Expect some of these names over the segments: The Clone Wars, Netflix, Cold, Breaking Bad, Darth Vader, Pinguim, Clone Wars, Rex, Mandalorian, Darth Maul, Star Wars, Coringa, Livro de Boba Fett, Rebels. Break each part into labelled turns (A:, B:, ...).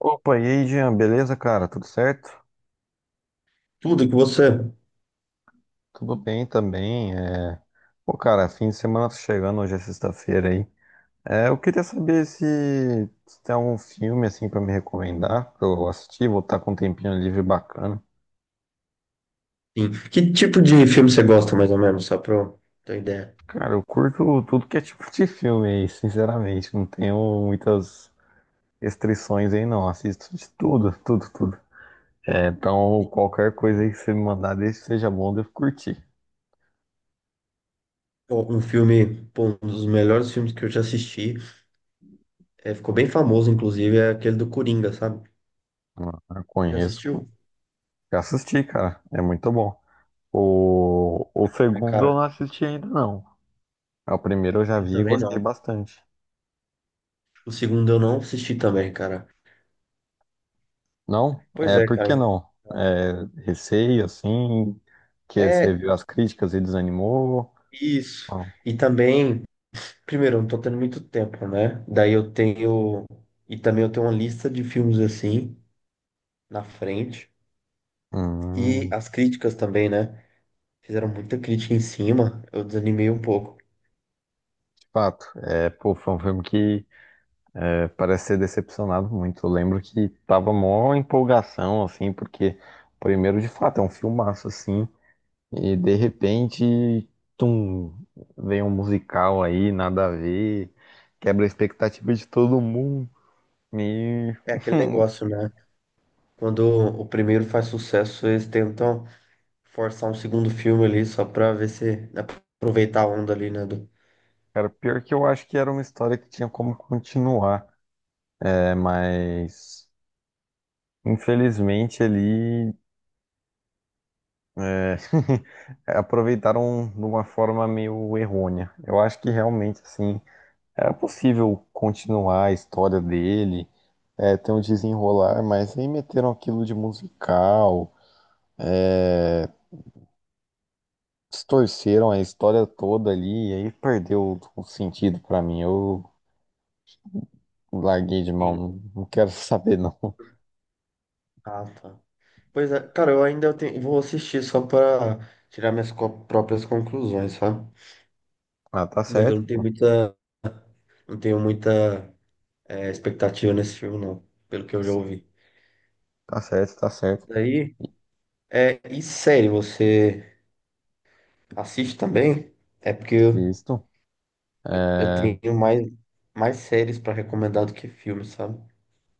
A: Opa, e aí, Jean, beleza, cara? Tudo certo?
B: Tudo que você.
A: Tudo bem também. Pô, cara, fim de semana tá chegando, hoje é sexta-feira aí. Eu queria saber se tem algum filme assim pra me recomendar, pra eu assistir, vou estar com um tempinho livre bacana.
B: Sim. Que tipo de filme você gosta, mais ou menos, só pra eu ter ideia?
A: Cara, eu curto tudo que é tipo de filme aí, sinceramente. Não tenho muitas restrições aí, não. Assisto de tudo, tudo, tudo. Então, qualquer coisa aí que você me mandar, desde que seja bom, eu devo curtir.
B: Um filme, pô, um dos melhores filmes que eu já assisti, ficou bem famoso, inclusive, é aquele do Coringa, sabe?
A: Ah,
B: Já
A: conheço,
B: assistiu?
A: já assisti, cara. É muito bom. O
B: Não, né,
A: segundo
B: cara?
A: eu não assisti ainda, não. É. O primeiro eu já
B: Eu
A: vi e
B: também
A: gostei
B: não.
A: bastante.
B: O segundo eu não assisti também, cara.
A: Não?
B: Pois
A: É,
B: é,
A: por que
B: cara.
A: não? Receio, assim, que você
B: É
A: viu as críticas e desanimou?
B: isso.
A: Não.
B: E também, primeiro, eu não tô tendo muito tempo, né? Daí eu tenho. E também eu tenho uma lista de filmes assim, na frente. E
A: Hum,
B: as críticas também, né? Fizeram muita crítica em cima, eu desanimei um pouco.
A: de fato. Pô, foi um filme que parece ser decepcionado muito. Eu lembro que tava mó empolgação, assim, porque primeiro, de fato, é um filmaço, assim. E de repente, tum, vem um musical aí, nada a ver, quebra a expectativa de todo mundo. E,
B: É aquele
A: hum,
B: negócio, né? Quando o primeiro faz sucesso, eles tentam forçar um segundo filme ali só pra ver se aproveitar a onda ali, né? Do...
A: cara, pior que eu acho que era uma história que tinha como continuar, né? Mas infelizmente ali é, aproveitaram de uma forma meio errônea. Eu acho que realmente assim era possível continuar a história dele, ter um desenrolar, mas aí meteram aquilo de musical. Distorceram a história toda ali, e aí perdeu o sentido pra mim. Eu larguei de mão,
B: Sim.
A: não quero saber não.
B: Ah, tá. Pois é, cara, vou assistir só pra tirar próprias conclusões, sabe?
A: Ah, tá
B: Mas eu
A: certo, pô.
B: não tenho muita expectativa nesse filme, não, pelo que eu já ouvi.
A: Tá certo, tá certo.
B: Daí, e série, você assiste também? É porque
A: Assisto,
B: eu
A: é,
B: tenho mais séries pra recomendar do que filmes, sabe?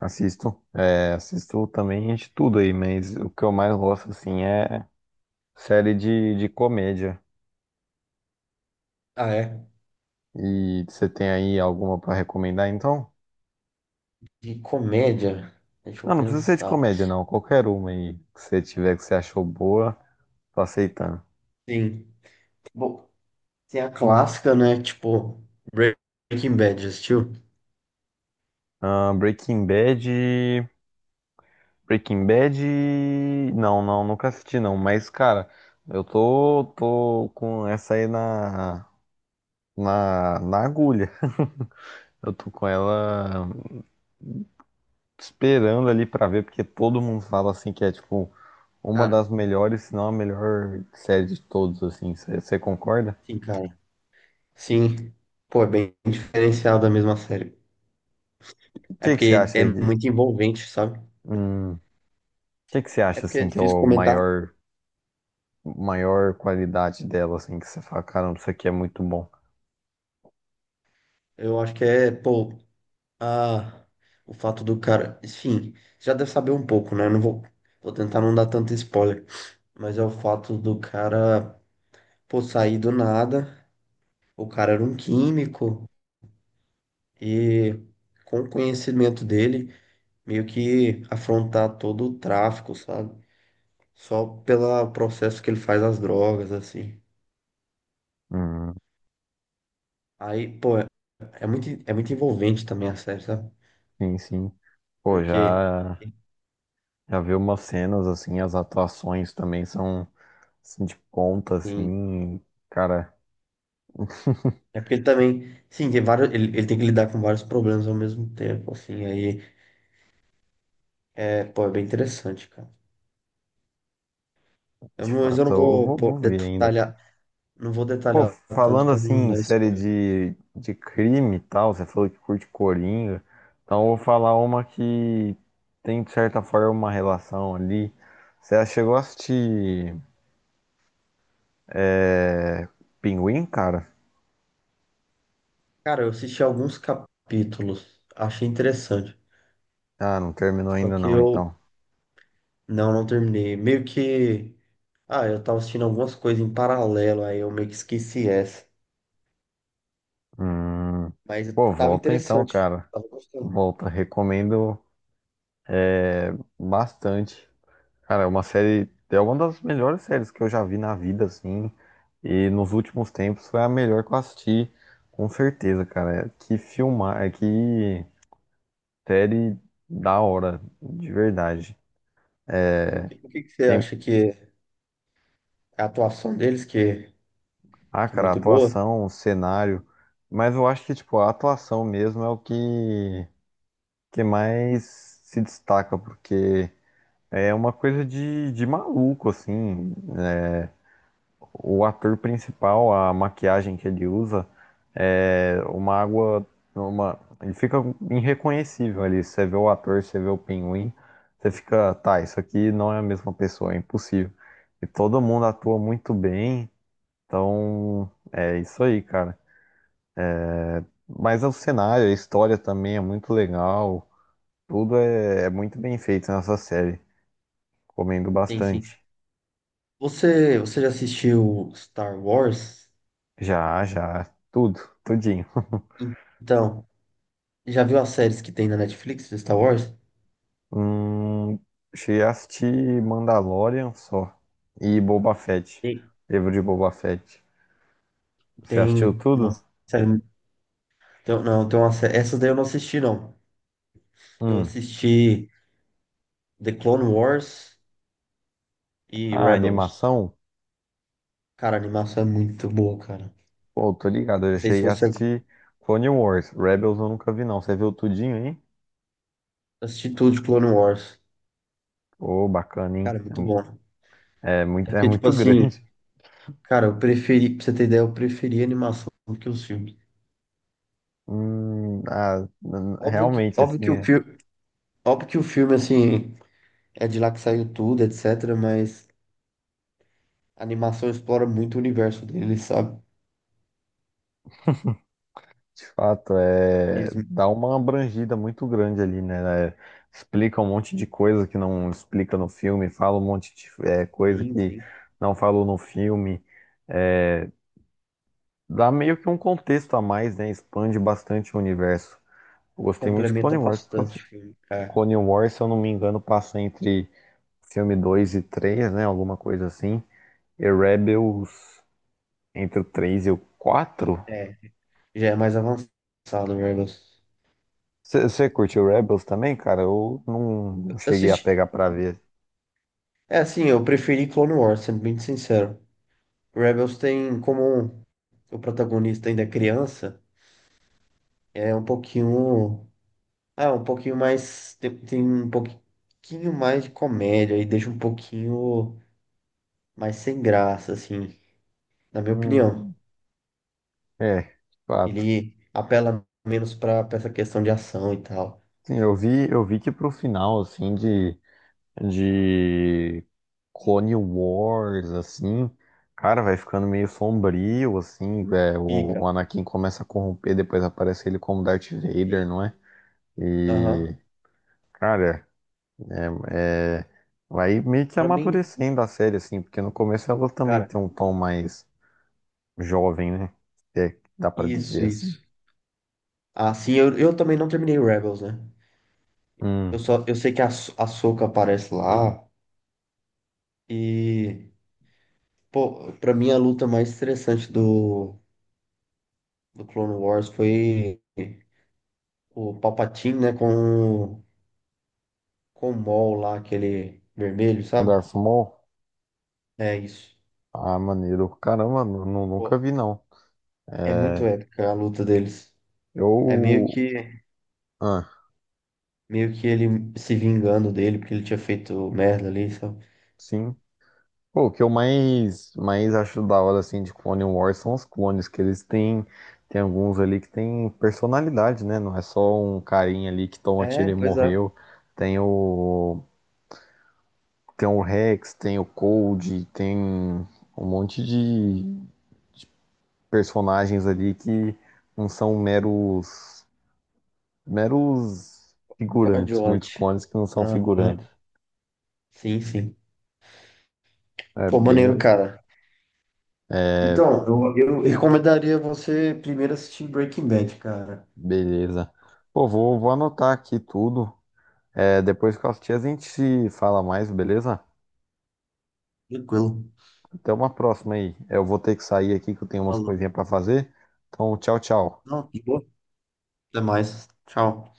A: assisto também de tudo aí, mas o que eu mais gosto, assim, é série de comédia.
B: Ah, é?
A: E você tem aí alguma pra recomendar, então?
B: De comédia, deixa eu
A: Não, não precisa ser de
B: pensar.
A: comédia, não. Qualquer uma aí que você tiver que você achou boa, tô aceitando.
B: Sim. Bom, tem a clássica, né? Tipo, Breaking Bad, já assistiu?
A: Ah, Breaking Bad. Breaking Bad. Não, não, nunca assisti não. Mas, cara, eu tô com essa aí na agulha. Eu tô com ela esperando ali pra ver, porque todo mundo fala assim que é tipo uma das
B: Cara,
A: melhores, se não a melhor série de todos, assim. Você concorda?
B: sim, cara. Sim. Pô, é bem diferenciado a mesma série.
A: O
B: É
A: que que você
B: porque
A: acha
B: é
A: aí de.
B: muito envolvente, sabe?
A: O que que você
B: É
A: acha
B: porque é
A: assim que é
B: difícil
A: o
B: comentar.
A: maior, maior qualidade dela, assim, que você fala, caramba, isso aqui é muito bom.
B: Eu acho que é, pô, a, o fato do cara. Enfim, já deve saber um pouco, né? Eu não vou, vou tentar não dar tanto spoiler. Mas é o fato do cara, pô, sair do nada. O cara era um químico e, com o conhecimento dele, meio que afrontar todo o tráfico, sabe? Só pelo processo que ele faz as drogas, assim.
A: Hum,
B: Aí, pô, é muito envolvente também a série, sabe?
A: sim, sim. Pô,
B: Porque,
A: já. Já vi umas cenas assim, as atuações também são assim, de ponta,
B: tem
A: assim, cara,
B: é porque ele também, sim, tem vários, ele tem que lidar com vários problemas ao mesmo tempo, assim. Aí, é, pô, é bem interessante, cara. Eu
A: de
B: não- Mas eu
A: fato,
B: não
A: eu
B: vou,
A: vou,
B: pô,
A: vou ver ainda, cara.
B: detalhar, não vou
A: Pô,
B: detalhar tanto
A: falando
B: para
A: assim,
B: não
A: em
B: dar
A: série
B: spoiler.
A: de crime e tal, você falou que curte Coringa, então eu vou falar uma que tem, de certa forma, uma relação ali. Você já chegou a assistir é, Pinguim, cara?
B: Cara, eu assisti alguns capítulos, achei interessante.
A: Ah, não terminou
B: Só
A: ainda
B: que
A: não,
B: eu
A: então.
B: não terminei. Meio que, ah, eu tava assistindo algumas coisas em paralelo, aí eu meio que esqueci essa.
A: Hum,
B: Mas
A: pô,
B: tava
A: volta então,
B: interessante,
A: cara.
B: tava gostando.
A: Volta, recomendo bastante. Cara, é uma série, é uma das melhores séries que eu já vi na vida, assim, e nos últimos tempos foi a melhor que eu assisti, com certeza, cara. É. Que filmar, é que série da hora, de verdade.
B: O que que você
A: Tem,
B: acha que é a atuação deles
A: ah,
B: que é
A: cara, a
B: muito boa?
A: atuação, o cenário, mas eu acho que, tipo, a atuação mesmo é o que, que mais se destaca, porque é uma coisa de maluco, assim. O ator principal, a maquiagem que ele usa é uma água, uma, ele fica irreconhecível ali. Você vê o ator, você vê o pinguim, você fica, tá, isso aqui não é a mesma pessoa, é impossível. E todo mundo atua muito bem, então é isso aí, cara. Mas o cenário, a história também é muito legal, tudo é, é muito bem feito nessa série. Comendo
B: Sim, sim.
A: bastante.
B: Você já assistiu Star Wars?
A: Já, já, tudo, tudinho.
B: Então, já viu as séries que tem na Netflix de Star Wars?
A: Hum, cheguei a assistir Mandalorian só. E Boba Fett.
B: Tem.
A: Livro de Boba Fett. Você assistiu
B: Tem uma
A: tudo?
B: série. Então, não, então essas daí eu não assisti, não. Eu
A: Hum.
B: assisti The Clone Wars e
A: Ah,
B: Rebels.
A: animação?
B: Cara, a animação é muito boa, cara.
A: Pô, tô ligado. Eu
B: Não sei se
A: cheguei a
B: você
A: assistir Clone Wars. Rebels eu nunca vi, não. Você viu tudinho, hein?
B: assistiu tudo de Clone Wars.
A: Pô, bacana,
B: Cara,
A: hein?
B: é muito bom.
A: É, é
B: É
A: muito, é
B: porque, tipo
A: muito
B: assim,
A: grande.
B: cara, eu preferi, pra você ter ideia, eu preferi a animação do que os filmes.
A: Ah,
B: Óbvio que,
A: realmente,
B: óbvio
A: assim,
B: que o
A: é.
B: filme, óbvio que o filme, assim, é de lá que saiu tudo, etc. Mas a animação explora muito o universo dele, sabe?
A: De fato, é,
B: Eles,
A: dá uma abrangida muito grande ali, né? É, explica um monte de coisa que não explica no filme, fala um monte de é, coisa
B: sim,
A: que
B: sim.
A: não falou no filme. É, dá meio que um contexto a mais, né? Expande bastante o universo. Eu gostei muito de
B: Complementa
A: Clone Wars, porque
B: bastante o filme.
A: Clone Wars, se eu não me engano, passa entre filme 2 e três, né? Alguma coisa assim. E Rebels entre o 3 e o quatro.
B: É. Já é mais avançado, Rebels.
A: Você curtiu Rebels também, cara? Eu não cheguei a
B: Assiste.
A: pegar pra ver.
B: É assim, eu preferi Clone Wars, sendo bem sincero. Rebels tem como o protagonista ainda é criança, é um pouquinho. Ah, um pouquinho mais. Tem um pouquinho mais de comédia e deixa um pouquinho mais sem graça, assim, na minha opinião.
A: Hum, é, de fato.
B: Ele apela menos pra essa questão de ação e tal.
A: Sim, eu vi que pro final, assim, de Clone Wars, assim, cara, vai ficando meio sombrio, assim, é, o
B: Fica.
A: Anakin começa a corromper, depois aparece ele como Darth Vader,
B: Sim.
A: não é?
B: Aham.
A: E, cara, é, vai meio que
B: Pra mim,
A: amadurecendo a série, assim, porque no começo ela também
B: cara,
A: tem um tom mais jovem, né? Se é que dá pra
B: isso,
A: dizer assim.
B: isso. Ah, sim, eu também não terminei Rebels, né? Eu
A: Hum.
B: só, eu sei que a Soca aparece lá e, pô, pra mim a luta mais estressante do, do Clone Wars foi o Palpatine, né, com, o- com o Maul lá, aquele vermelho, sabe?
A: Darth Maul?
B: É isso.
A: Ah, maneiro. Caramba, nunca
B: Pô,
A: vi, não.
B: é muito
A: É,
B: épica a luta deles. É meio
A: eu...
B: que,
A: Ah,
B: meio que ele se vingando dele, porque ele tinha feito merda ali, sabe?
A: sim. Pô, o que eu mais acho da hora, assim, de Clone Wars são os clones, que eles têm... Tem alguns ali que têm personalidade, né? Não é só um carinha ali que toma tiro
B: É,
A: e
B: pois é.
A: morreu. Tem o... Tem o Rex, tem o Cold, tem um monte de personagens ali que não são meros figurantes, muitos
B: Coadjuvante.
A: clones que não são figurantes.
B: Aham, sim, sim.
A: É
B: Pô,
A: bem
B: maneiro,
A: legal.
B: cara. Então, eu recomendaria você primeiro assistir Breaking Bad, cara.
A: Beleza. Pô, vou anotar aqui tudo. É, depois que eu assistir, a gente se fala mais, beleza?
B: Tranquilo.
A: Até uma próxima aí. Eu vou ter que sair aqui que eu tenho umas
B: Falou.
A: coisinhas pra fazer. Então, tchau, tchau.
B: Não, de boa. Até mais. Tchau.